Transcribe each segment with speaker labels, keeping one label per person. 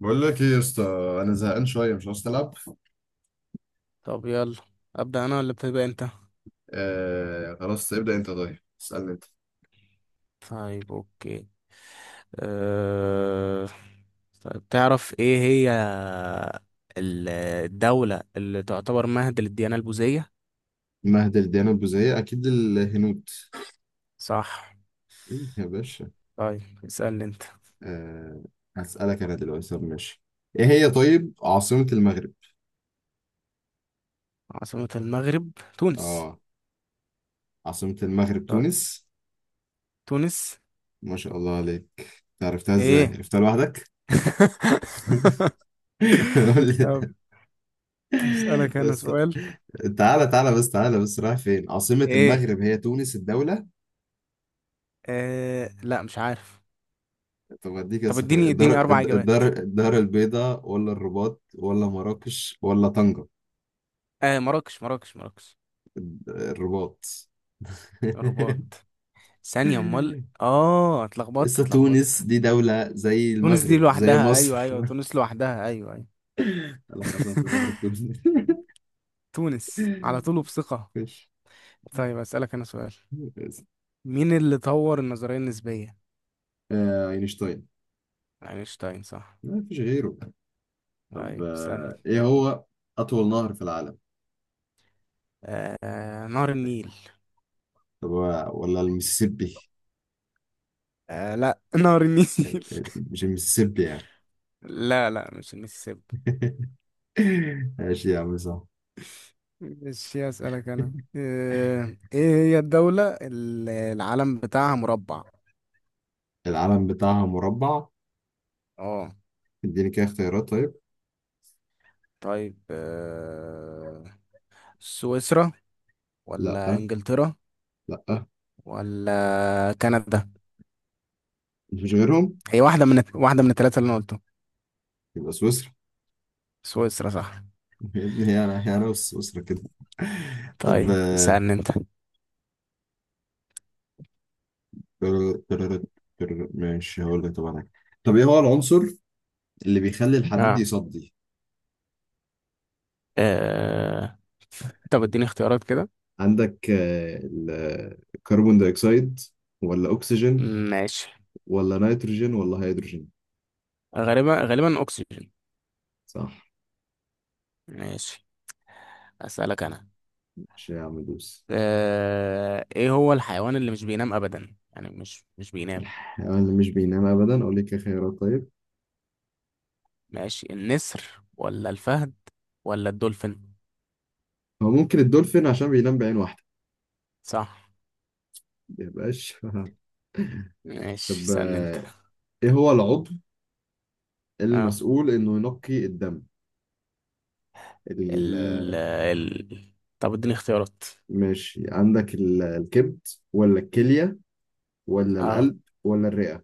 Speaker 1: بقول لك ايه يا اسطى؟ انا زهقان شويه، مش عاوز تلعب.
Speaker 2: طب يلا، أبدأ أنا ولا بتبقى أنت؟
Speaker 1: آه، خلاص ابدا انت. طيب اسالني انت.
Speaker 2: طيب أوكي. أه... طيب تعرف إيه هي ال- الدولة اللي تعتبر مهد للديانة البوذية؟
Speaker 1: مهدل ديانة البوذية أكيد الهنود.
Speaker 2: صح.
Speaker 1: إيه يا باشا؟
Speaker 2: طيب اسألني أنت.
Speaker 1: آه. هسألك أنا دلوقتي، طب ماشي. إيه هي طيب عاصمة المغرب؟
Speaker 2: عاصمة المغرب تونس.
Speaker 1: آه. عاصمة المغرب
Speaker 2: طيب
Speaker 1: تونس.
Speaker 2: تونس.
Speaker 1: ما شاء الله عليك، أنت عرفتها إزاي؟
Speaker 2: إيه؟
Speaker 1: عرفتها لوحدك؟ قول
Speaker 2: طب
Speaker 1: لي.
Speaker 2: أسألك أنا
Speaker 1: بس
Speaker 2: سؤال.
Speaker 1: تعالى تعالى بس تعالى بس رايح فين؟ عاصمة
Speaker 2: إيه؟
Speaker 1: المغرب هي تونس الدولة.
Speaker 2: لا مش عارف.
Speaker 1: طب اديك يا
Speaker 2: طب
Speaker 1: سفر
Speaker 2: اديني
Speaker 1: الدار.
Speaker 2: اديني أربع إجابات.
Speaker 1: الدار الدار البيضاء ولا الرباط ولا مراكش ولا طنجة؟
Speaker 2: آه، مراكش مراكش.
Speaker 1: الرباط.
Speaker 2: الرباط، ثانية امال. اه، اتلخبطت
Speaker 1: لسه تونس
Speaker 2: اتلخبطت
Speaker 1: دي دولة زي
Speaker 2: تونس دي
Speaker 1: المغرب زي
Speaker 2: لوحدها،
Speaker 1: مصر.
Speaker 2: ايوه ايوه، تونس لوحدها، ايوه ايوه.
Speaker 1: قال لك عاصمة المغرب تونس.
Speaker 2: تونس على طول وبثقة.
Speaker 1: مفيش.
Speaker 2: طيب اسألك انا سؤال. مين اللي طور النظرية النسبية؟
Speaker 1: اينشتاين.
Speaker 2: اينشتاين، صح.
Speaker 1: ما فيش غيره. طب
Speaker 2: طيب اسألني.
Speaker 1: ايه هو اطول نهر في العالم؟
Speaker 2: آه، نهر النيل.
Speaker 1: طب ولا المسيسيبي؟
Speaker 2: آه لا، نهر النيل.
Speaker 1: مش المسيسيبي يعني.
Speaker 2: لا لا، مش المسيسيبي.
Speaker 1: ماشي يا عم، صح.
Speaker 2: مش اسألك انا آه، ايه هي الدولة اللي العلم بتاعها مربع؟
Speaker 1: العلم بتاعها مربع.
Speaker 2: اه.
Speaker 1: اديني كده اختيارات طيب.
Speaker 2: طيب آه، سويسرا،
Speaker 1: لا.
Speaker 2: ولا انجلترا،
Speaker 1: لا.
Speaker 2: ولا كندا؟
Speaker 1: مش غيرهم.
Speaker 2: هي واحدة من الثلاثة اللي انا قلتهم.
Speaker 1: يبقى سويسرا.
Speaker 2: سويسرا، صح.
Speaker 1: يا ابني، هي انا هي انا وسويسرا كده. طب
Speaker 2: طيب اسألني انت.
Speaker 1: تر- تر- ماشي هقول لك طبعا حاجة. طب ايه هو العنصر اللي بيخلي الحديد
Speaker 2: اه،
Speaker 1: يصدي؟
Speaker 2: آه. طب اديني اختيارات كده.
Speaker 1: عندك الكربون دايوكسيد ولا اكسجين
Speaker 2: ماشي.
Speaker 1: ولا نيتروجين ولا هيدروجين؟
Speaker 2: غالبا، اكسجين.
Speaker 1: صح.
Speaker 2: ماشي. اسألك انا.
Speaker 1: مش يا عم دوس.
Speaker 2: آه، ايه هو الحيوان اللي مش بينام ابدا؟ يعني مش بينام.
Speaker 1: الحيوان اللي مش بينام ابدا، اقول لك إيه خيارات طيب.
Speaker 2: ماشي، النسر ولا الفهد ولا الدولفين؟
Speaker 1: هو ممكن الدولفين عشان بينام بعين واحده.
Speaker 2: صح.
Speaker 1: ما يبقاش.
Speaker 2: ماشي
Speaker 1: طب
Speaker 2: اسألني انت.
Speaker 1: ايه هو العضو
Speaker 2: اه،
Speaker 1: المسؤول انه ينقي الدم؟ ال-
Speaker 2: ال طب اديني اختيارات.
Speaker 1: ماشي. عندك الكبد ولا الكلية ولا
Speaker 2: اه،
Speaker 1: القلب ولا الرئة؟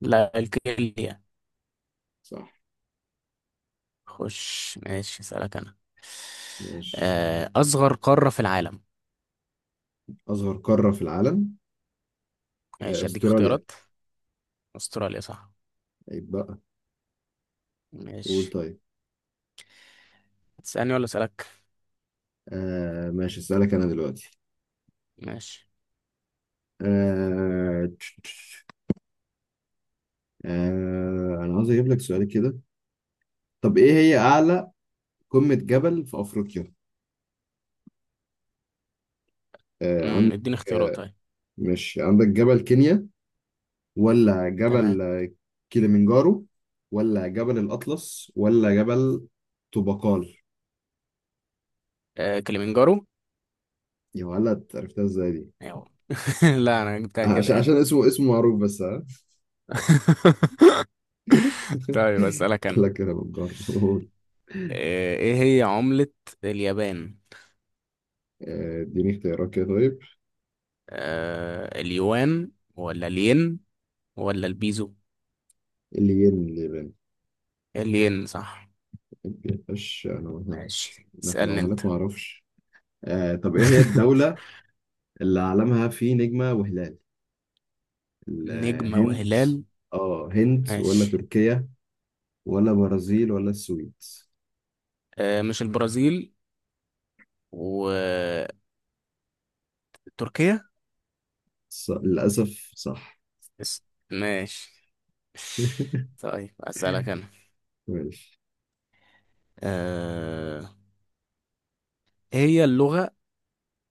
Speaker 2: لا الكيليا.
Speaker 1: صح.
Speaker 2: خش، ماشي اسألك أنا.
Speaker 1: ماشي.
Speaker 2: أصغر قارة في العالم.
Speaker 1: أصغر قارة في العالم.
Speaker 2: ماشي أديك
Speaker 1: أستراليا.
Speaker 2: اختيارات. أستراليا، صح.
Speaker 1: عيب بقى. قول
Speaker 2: ماشي،
Speaker 1: طيب.
Speaker 2: تسألني ولا أسألك؟
Speaker 1: آه ماشي، أسألك أنا دلوقتي.
Speaker 2: ماشي.
Speaker 1: آه... تش- تش- أنا عاوز أجيب لك سؤال كده. طب إيه هي أعلى قمة جبل في أفريقيا؟ آه
Speaker 2: امم،
Speaker 1: عندك.
Speaker 2: اديني اختيارات
Speaker 1: آه،
Speaker 2: طيب.
Speaker 1: ماشي، عندك جبل كينيا ولا جبل
Speaker 2: تمام.
Speaker 1: كيليمنجارو ولا جبل الأطلس ولا جبل طوبقال؟
Speaker 2: كليمنجارو.
Speaker 1: يا ولد، عرفتها ازاي دي؟
Speaker 2: أيوه، لا أنا جبتها كده
Speaker 1: عشان
Speaker 2: يعني.
Speaker 1: اسمه معروف بس، ها.
Speaker 2: طيب أسألك أنا.
Speaker 1: لك انا بتجرب، قول.
Speaker 2: إيه هي عملة اليابان؟
Speaker 1: اديني اختيارات كده طيب.
Speaker 2: اليوان، ولا الين، ولا البيزو؟
Speaker 1: الين اليابان.
Speaker 2: الين، صح.
Speaker 1: مش انا مثلا.
Speaker 2: ماشي
Speaker 1: انا في
Speaker 2: اسألني أنت.
Speaker 1: العملات ما اعرفش. آه، طب ايه هي الدولة اللي علمها فيه نجمة وهلال؟
Speaker 2: نجمة
Speaker 1: الهند.
Speaker 2: وهلال.
Speaker 1: اه، هند ولا
Speaker 2: ماشي.
Speaker 1: تركيا ولا برازيل ولا السويد؟
Speaker 2: آه، مش البرازيل. وتركيا.
Speaker 1: للأسف صح.
Speaker 2: بس. ماشي. طيب أسألك أنا.
Speaker 1: ماشي.
Speaker 2: آه، إيه هي اللغة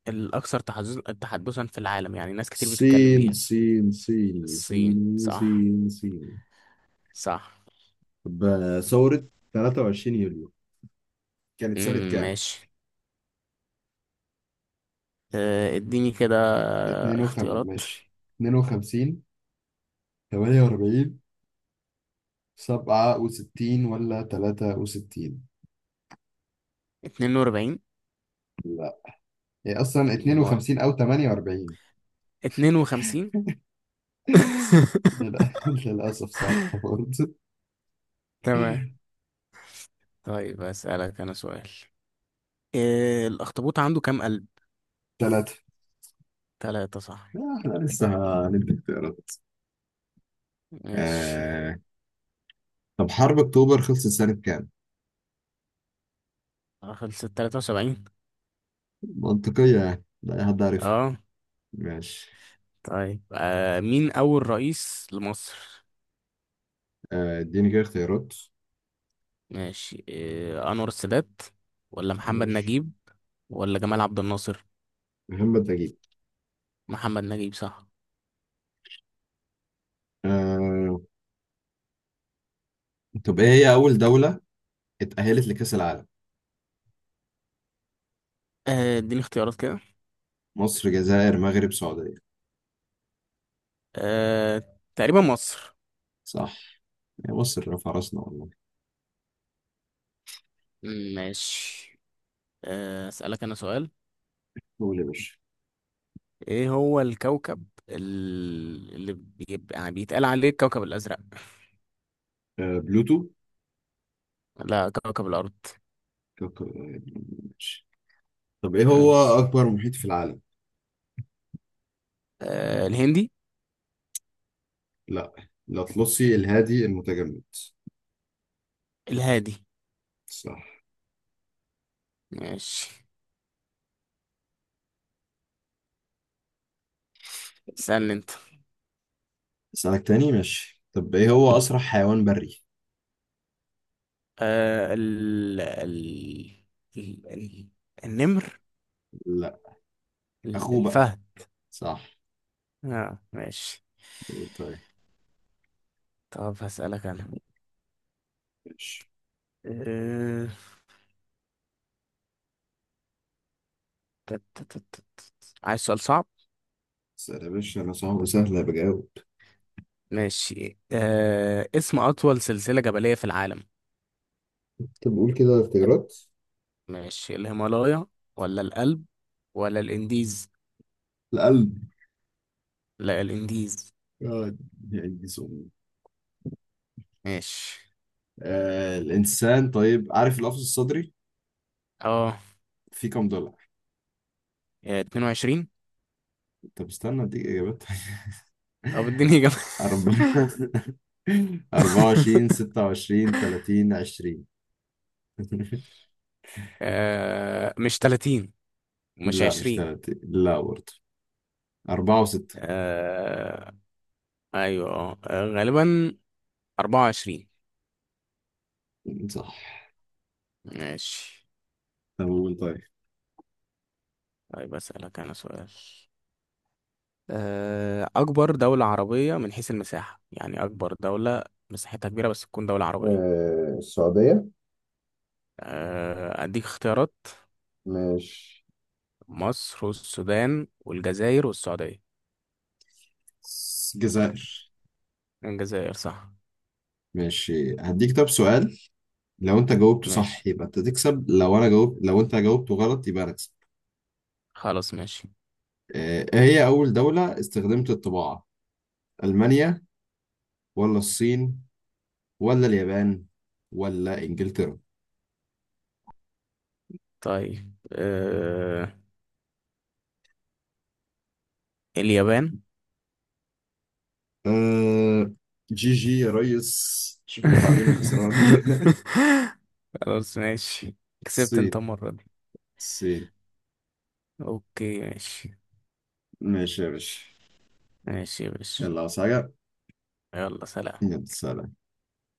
Speaker 2: الأكثر تحدثا في العالم؟ يعني ناس كتير بتتكلم
Speaker 1: سين
Speaker 2: بيها.
Speaker 1: سين صيني
Speaker 2: الصين،
Speaker 1: صيني
Speaker 2: صح.
Speaker 1: صين صيني
Speaker 2: صح.
Speaker 1: طب ثورة 23 يوليو كانت سنة كام؟
Speaker 2: ماشي. آه اديني كده
Speaker 1: 52
Speaker 2: اختيارات.
Speaker 1: ماشي. 52، 48، 67 ولا 63؟
Speaker 2: 42.
Speaker 1: لا، هي أصلا
Speaker 2: امال
Speaker 1: 52 أو 48.
Speaker 2: 52.
Speaker 1: للأسف صح برضه.
Speaker 2: تمام. طيب أسألك أنا سؤال. إيه الأخطبوط عنده كام قلب؟
Speaker 1: ثلاثة.
Speaker 2: تلاتة، صح.
Speaker 1: احنا لسه هندي اختيارات.
Speaker 2: ماشي.
Speaker 1: آه... طب حرب أكتوبر خلصت سنة كام؟
Speaker 2: آه، خلصت تلاتة وسبعين.
Speaker 1: منطقية يعني، لا أي حد عارف.
Speaker 2: اه.
Speaker 1: ماشي.
Speaker 2: طيب آه، مين أول رئيس لمصر؟
Speaker 1: اديني كده اختيارات.
Speaker 2: ماشي، إيه، أنور السادات، ولا محمد
Speaker 1: ماشي.
Speaker 2: نجيب، ولا جمال عبد الناصر؟
Speaker 1: محمد نجيب.
Speaker 2: محمد نجيب، صح.
Speaker 1: آه، طب ايه هي أول دولة اتأهلت لكأس العالم؟
Speaker 2: اديني اختيارات كده.
Speaker 1: مصر، جزائر، مغرب، سعودية؟
Speaker 2: آه، تقريبا مصر.
Speaker 1: صح. يا مصر رفع راسنا والله.
Speaker 2: ماشي. آه، أسألك أنا سؤال.
Speaker 1: قول يا باشا.
Speaker 2: إيه هو الكوكب اللي بيبقى يعني بيتقال عليه الكوكب الأزرق؟
Speaker 1: بلوتو.
Speaker 2: لا، كوكب الأرض.
Speaker 1: كوكب. ماشي. طب ايه هو
Speaker 2: ماشي.
Speaker 1: أكبر محيط في العالم؟
Speaker 2: آه، الهندي.
Speaker 1: لا، الأطلسي، الهادي، المتجمد؟
Speaker 2: الهادي.
Speaker 1: صح.
Speaker 2: ماشي اسألني انت.
Speaker 1: أسألك تاني، ماشي. طب ايه هو أسرع حيوان بري؟
Speaker 2: آه، ال... ال... النمر.
Speaker 1: لا، أخوه بقى.
Speaker 2: الفهد.
Speaker 1: صح.
Speaker 2: اه، ماشي.
Speaker 1: قول طيب.
Speaker 2: طب هسألك انا.
Speaker 1: ماشي،
Speaker 2: آه... تت- تت- تت. عايز سؤال صعب.
Speaker 1: سهل يا باشا أنا، صعب سهل بجاوب.
Speaker 2: ماشي. اسم أطول سلسلة جبلية في العالم.
Speaker 1: طب قول كده اختيارات.
Speaker 2: ماشي، الهيمالايا ولا الألب ولا الإنديز؟
Speaker 1: القلب.
Speaker 2: لا، الإنديز.
Speaker 1: آه، يعني سؤال.
Speaker 2: ماشي.
Speaker 1: آه الإنسان، طيب عارف القفص الصدري
Speaker 2: اه،
Speaker 1: فيه كام دولار؟
Speaker 2: 22.
Speaker 1: طب استنى أديك إجابات.
Speaker 2: طب اديني إجابة.
Speaker 1: أربعة. أربعة وعشرين، ستة وعشرين، تلاتين، عشرين.
Speaker 2: آه، مش 30، مش
Speaker 1: لا مش
Speaker 2: 20.
Speaker 1: تلاتين لا برضه. أربعة وستة.
Speaker 2: آه، ايوه. آه، غالبا 24.
Speaker 1: صح.
Speaker 2: ماشي.
Speaker 1: طب قول طيب.
Speaker 2: طيب اسالك انا سؤال. آه، اكبر دولة عربية من حيث المساحة. يعني اكبر دولة مساحتها كبيرة بس تكون دولة عربية.
Speaker 1: آه السعودية.
Speaker 2: آه، اديك اختيارات،
Speaker 1: مش.
Speaker 2: مصر والسودان والجزائر والسعودية.
Speaker 1: الجزائر.
Speaker 2: الجزائر، صح.
Speaker 1: ماشي، هديك طب سؤال. لو انت جاوبته
Speaker 2: ماشي.
Speaker 1: صح يبقى انت تكسب، لو انا جاوب، لو انت جاوبته غلط يبقى انا اكسب.
Speaker 2: خلاص ماشي.
Speaker 1: ايه هي اول دولة استخدمت الطباعة؟ المانيا ولا الصين ولا اليابان ولا انجلترا؟
Speaker 2: طيب آه، اليابان.
Speaker 1: آه. جي جي يا ريس، اشوفك بعدين يا خسران.
Speaker 2: خلاص ماشي، كسبت انت
Speaker 1: الصين.
Speaker 2: المرة دي.
Speaker 1: الصين.
Speaker 2: اوكي ماشي.
Speaker 1: ماشي يا باشا.
Speaker 2: ماشي يا باشا.
Speaker 1: يلا، عاوز حاجة؟
Speaker 2: يلا سلام.
Speaker 1: يلا سلام.